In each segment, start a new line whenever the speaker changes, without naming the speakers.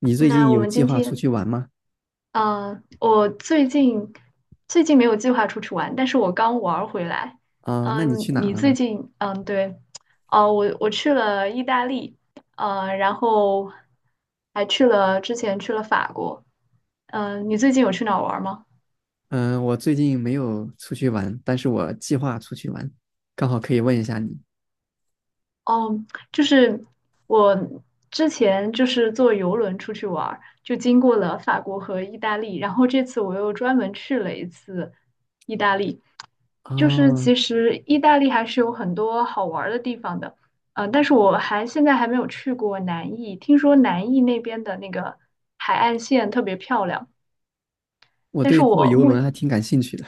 你最
那
近
我
有
们
计
今
划出
天，
去玩吗？
我最近没有计划出去玩，但是我刚玩儿回来。
啊，那你
嗯、
去哪
你
了
最
呢？
近，嗯、对，哦、我去了意大利，然后还去了之前去了法国。嗯、你最近有去哪儿玩儿吗？
嗯，我最近没有出去玩，但是我计划出去玩，刚好可以问一下你。
哦，就是我之前就是坐游轮出去玩儿，就经过了法国和意大利，然后这次我又专门去了一次意大利。就是
啊，
其实意大利还是有很多好玩儿的地方的，但是我现在还没有去过南意，听说南意那边的那个海岸线特别漂亮，
我
但是
对坐游轮还挺感兴趣的。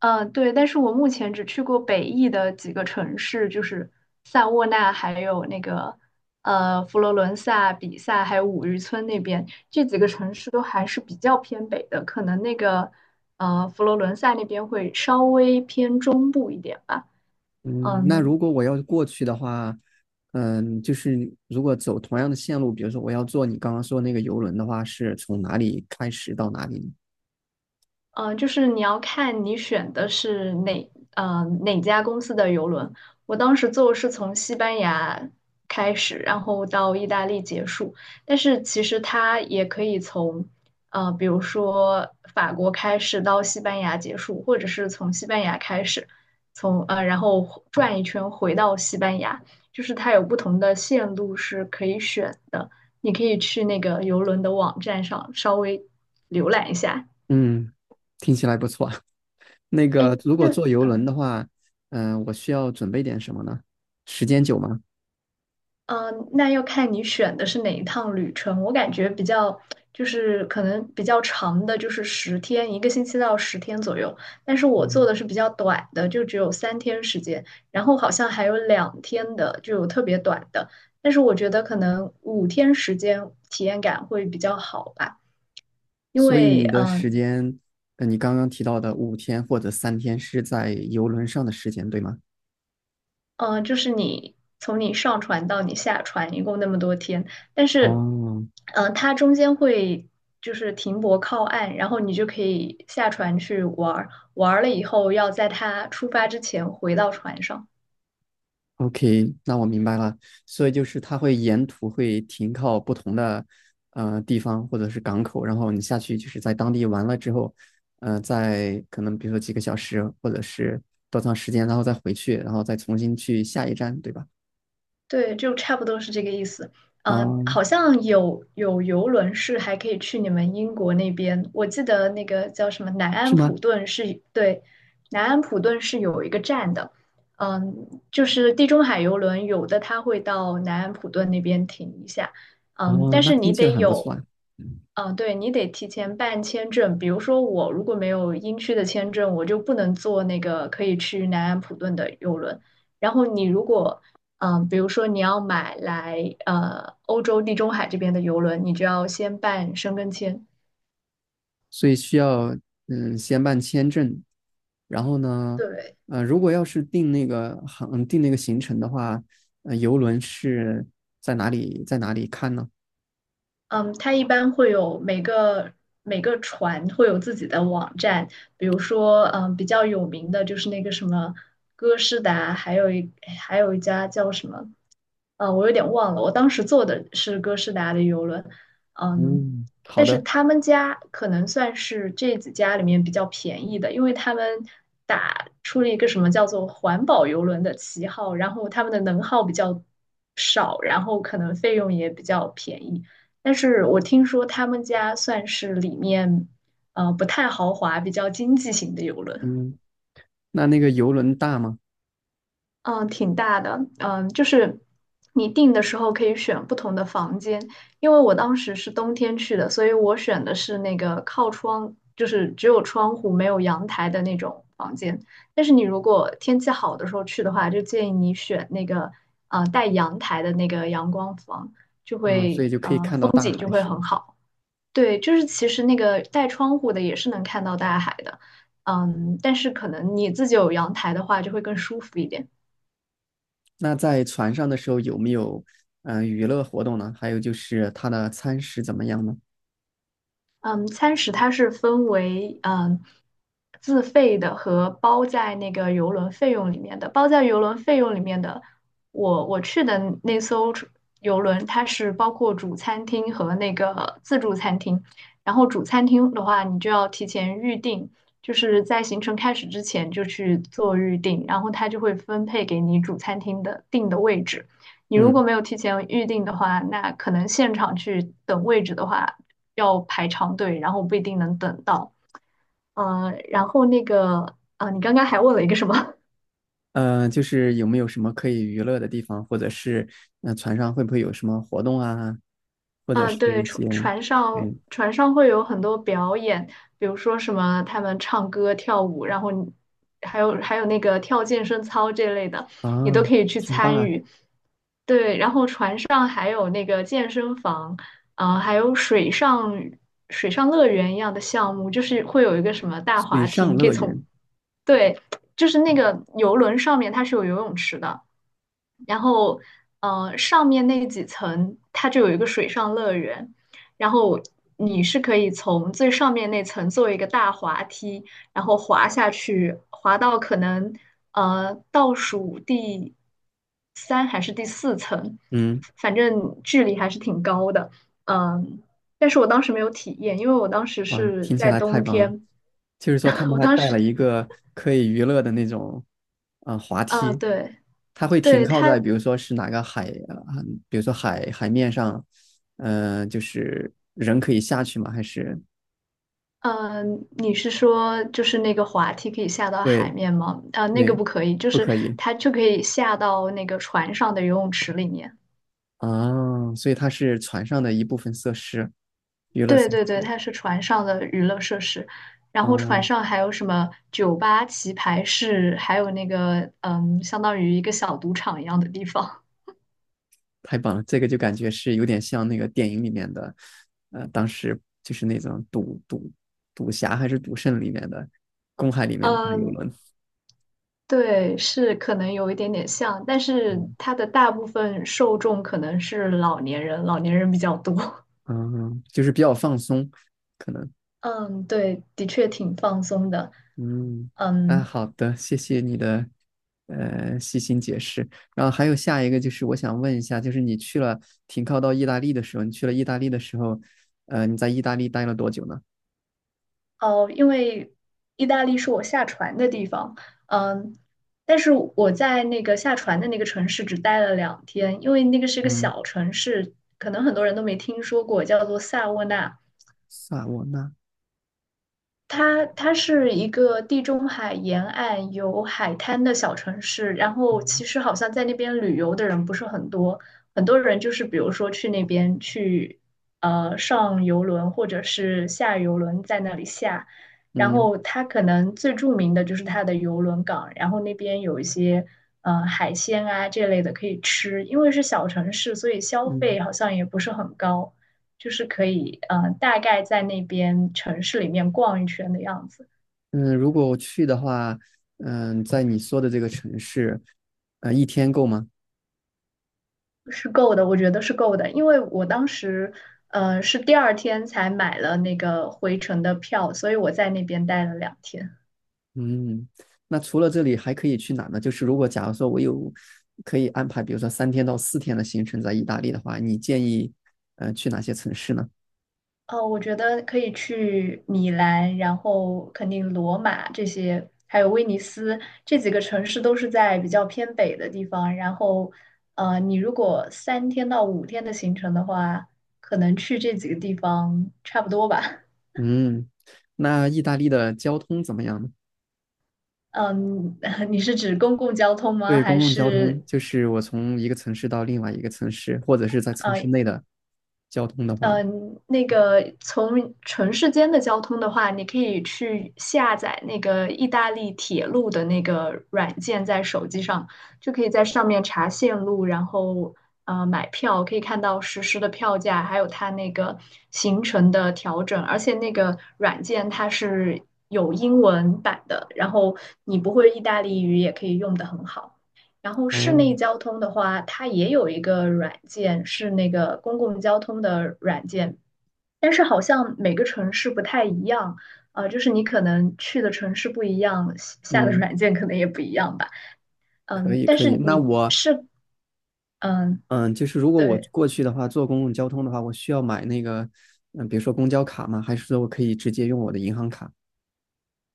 嗯，对，但是我目前只去过北意的几个城市，就是萨沃纳，还有那个佛罗伦萨、比萨，还有五渔村那边，这几个城市都还是比较偏北的，可能那个佛罗伦萨那边会稍微偏中部一点吧。
嗯，那如
嗯，
果我要过去的话，嗯，就是如果走同样的线路，比如说我要坐你刚刚说那个游轮的话，是从哪里开始到哪里呢？
就是你要看你选的是哪家公司的邮轮。我当时坐是从西班牙开始，然后到意大利结束。但是其实它也可以从比如说法国开始到西班牙结束，或者是从西班牙开始，从然后转一圈回到西班牙，就是它有不同的线路是可以选的。你可以去那个邮轮的网站上稍微浏览一下。
嗯，听起来不错。那
哎，
个如果
就
坐游轮
嗯
的话，嗯，我需要准备点什么呢？时间久吗？
嗯,那要看你选的是哪一趟旅程。我感觉比较就是可能比较长的，就是十天，一个星期到十天左右。但是我做
嗯
的是比较短的，就只有三天时间，然后好像还有两天的，就有特别短的。但是我觉得可能五天时间体验感会比较好吧，因
所以
为
你的时间，你刚刚提到的五天或者三天是在游轮上的时间，对吗？
就是你从你上船到你下船一共那么多天，但是，
哦
它中间会就是停泊靠岸，然后你就可以下船去玩儿，玩儿了以后要在它出发之前回到船上。
，OK,那我明白了。所以就是它会沿途会停靠不同的地方或者是港口，然后你下去就是在当地玩了之后，再可能比如说几个小时或者是多长时间，然后再回去，然后再重新去下一站，对吧？
对，就差不多是这个意思。
啊、
好像有游轮是还可以去你们英国那边，我记得那个叫什么南安
是吗？
普顿是，对，南安普顿是有一个站的。嗯，就是地中海游轮，有的它会到南安普顿那边停一下。嗯，
哦，
但
那
是你
听起来
得
很不错
有，
啊。
嗯，对，你得提前办签证。比如说我如果没有英区的签证，我就不能坐那个可以去南安普顿的游轮。然后你如果，嗯，比如说你要买来欧洲地中海这边的游轮，你就要先办申根签。
所以需要嗯先办签证，然后呢，
对，
如果要是定那个行程的话，游轮是在哪里看呢？
嗯，它一般会有每个船会有自己的网站，比如说，嗯，比较有名的就是那个什么哥诗达，还有一家叫什么我有点忘了，我当时坐的是哥斯达的游轮，嗯，
嗯，好
但是
的，
他们家可能算是这几家里面比较便宜的，因为他们打出了一个什么叫做环保游轮的旗号，然后他们的能耗比较少，然后可能费用也比较便宜。但是我听说他们家算是里面不太豪华、比较经济型的游轮。
嗯，那那个游轮大吗？
嗯，挺大的，嗯，就是你订的时候可以选不同的房间，因为我当时是冬天去的，所以我选的是那个靠窗，就是只有窗户没有阳台的那种房间。但是你如果天气好的时候去的话，就建议你选那个带阳台的那个阳光房，就
啊、所
会，
以就可以看到大海是吧？
对，就是其实那个带窗户的也是能看到大海的，嗯，但是可能你自己有阳台的话就会更舒服一点。
那在船上的时候有没有嗯、娱乐活动呢？还有就是它的餐食怎么样呢？
嗯，餐食它是分为自费的和包在那个邮轮费用里面的。包在邮轮费用里面的，我去的那艘出邮轮，它是包括主餐厅和那个自助餐厅。然后主餐厅的话，你就要提前预定，就是在行程开始之前就去做预定，然后它就会分配给你主餐厅的定的位置。你如果
嗯。
没有提前预定的话，那可能现场去等位置的话。要排长队，然后不一定能等到。然后那个，你刚刚还问了一个什么？
就是有没有什么可以娱乐的地方，或者是船上会不会有什么活动啊，或者是
对，
一些嗯
船上会有很多表演，比如说什么他们唱歌、跳舞，然后你还有那个跳健身操这类的，你都
啊，
可以去
挺
参
棒，
与。对，然后船上还有那个健身房，还有水上乐园一样的项目，就是会有一个什么大
水
滑梯，你
上
可以
乐
从
园，
对，就是那个游轮上面它是有游泳池的，然后上面那几层它就有一个水上乐园，然后你是可以从最上面那层做一个大滑梯，然后滑下去，滑到可能倒数第三还是第四层，
嗯，
反正距离还是挺高的，嗯，但是我当时没有体验，因为我当时
哇，
是
听起
在
来太
冬
棒了。
天，
就是说他 们
我
还
当
带
时。
了 一个可以娱乐的那种啊、滑
啊，
梯，
对，
它会停
对
靠
它，
在比如说是哪个海啊、比如说海面上，就是人可以下去吗？还是
嗯，你是说就是那个滑梯可以下到海
对
面吗？啊、那个
对，
不可以，就
不
是
可以。
它就可以下到那个船上的游泳池里面。
啊，所以它是船上的一部分设施，娱乐
对
设
对对，
施。
它是船上的娱乐设施，然后船
哦，
上还有什么酒吧、棋牌室，还有那个嗯，相当于一个小赌场一样的地方。
太棒了，这个就感觉是有点像那个电影里面的，当时就是那种赌侠还是赌圣里面的公海里面的大游
嗯，
轮。
对，是可能有一点点像，但是
嗯，
它的大部分受众可能是老年人，老年人比较多。
嗯，就是比较放松，可能。
嗯，对，的确挺放松的。
嗯，啊，
嗯，
好的，谢谢你的细心解释。然后还有下一个就是我想问一下，就是你去了停靠到意大利的时候，你去了意大利的时候，你在意大利待了多久呢？
哦，因为意大利是我下船的地方。嗯，但是我在那个下船的那个城市只待了两天，因为那个是个
嗯，
小城市，可能很多人都没听说过，叫做萨沃纳。
萨瓦纳，
它是一个地中海沿岸有海滩的小城市，然后其
嗯
实好像在那边旅游的人不是很多，很多人就是比如说去那边去上游轮或者是下游轮在那里下，然
嗯
后它可能最著名的就是它的游轮港，然后那边有一些海鲜啊这类的可以吃，因为是小城市，所以消
嗯
费好像也不是很高。就是可以大概在那边城市里面逛一圈的样子，
嗯，如果我去的话，嗯，在你说的这个城市，一天够吗？
是够的，我觉得是够的，因为我当时是第二天才买了那个回程的票，所以我在那边待了两天。
嗯，那除了这里还可以去哪呢？就是假如说我有可以安排，比如说三天到四天的行程在意大利的话，你建议去哪些城市呢？
哦，我觉得可以去米兰，然后肯定罗马这些，还有威尼斯这几个城市都是在比较偏北的地方。然后，你如果三天到五天的行程的话，可能去这几个地方差不多吧。
嗯，那意大利的交通怎么样呢？
嗯，你是指公共交通吗？
对，
还
公共交
是
通就是我从一个城市到另外一个城市，或者是在城市
呃
内的交通的话，
呃那个从城市间的交通的话，你可以去下载那个意大利铁路的那个软件，在手机上就可以在上面查线路，然后买票，可以看到实时的票价，还有它那个行程的调整，而且那个软件它是有英文版的，然后你不会意大利语也可以用的很好。然后室
哦，
内交通的话，它也有一个软件，是那个公共交通的软件，但是好像每个城市不太一样，就是你可能去的城市不一样，下的
嗯。
软件可能也不一样吧。
可
嗯，
以
但
可
是
以，那
你
我
是嗯，
嗯，就是如果我
对。
过去的话，坐公共交通的话，我需要买那个嗯，比如说公交卡吗？还是说我可以直接用我的银行卡，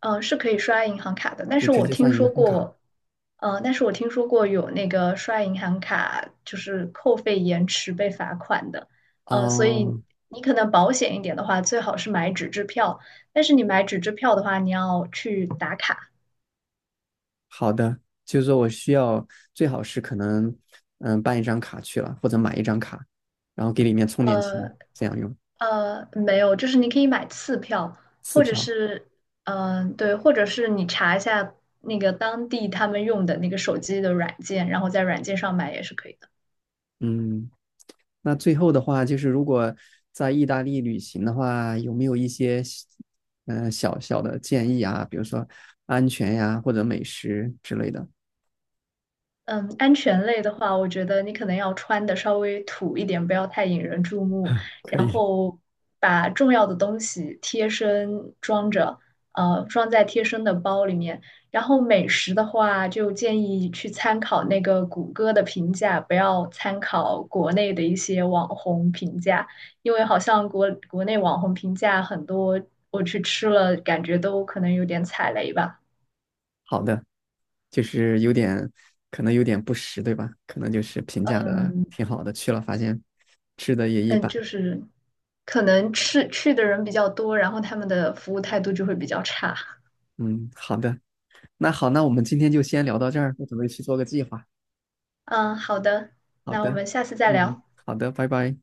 嗯，是可以刷银行卡的，但
就
是
直
我
接
听
算
说
银行卡？
过，嗯，但是我听说过有那个刷银行卡就是扣费延迟被罚款的，所以
哦，
你可能保险一点的话，最好是买纸质票，但是你买纸质票的话，你要去打卡，
好的，就是说我需要最好是可能嗯办一张卡去了，或者买一张卡，然后给里面充点钱，
呃
这样用
没有，就是你可以买次票，
次
或者
票。
是，嗯、对，或者是你查一下那个当地他们用的那个手机的软件，然后在软件上买也是可以的。
嗯，那最后的话，就是如果在意大利旅行的话，有没有一些嗯、小小的建议啊？比如说安全呀，或者美食之类的。
嗯，安全类的话，我觉得你可能要穿的稍微土一点，不要太引人注目，
可
然
以，
后把重要的东西贴身装着，装在贴身的包里面。然后美食的话，就建议去参考那个谷歌的评价，不要参考国内的一些网红评价，因为好像国内网红评价很多，我去吃了，感觉都可能有点踩雷吧。
好的，就是有点可能有点不实，对吧？可能就是评价的
嗯，
挺好的，去了发现吃的也一
嗯，
般。
就是可能去的人比较多，然后他们的服务态度就会比较差。
嗯，好的，那好，那我们今天就先聊到这儿，我准备去做个计划。
嗯，好的，
好
那我
的，
们下次再
嗯，
聊。
好的，拜拜。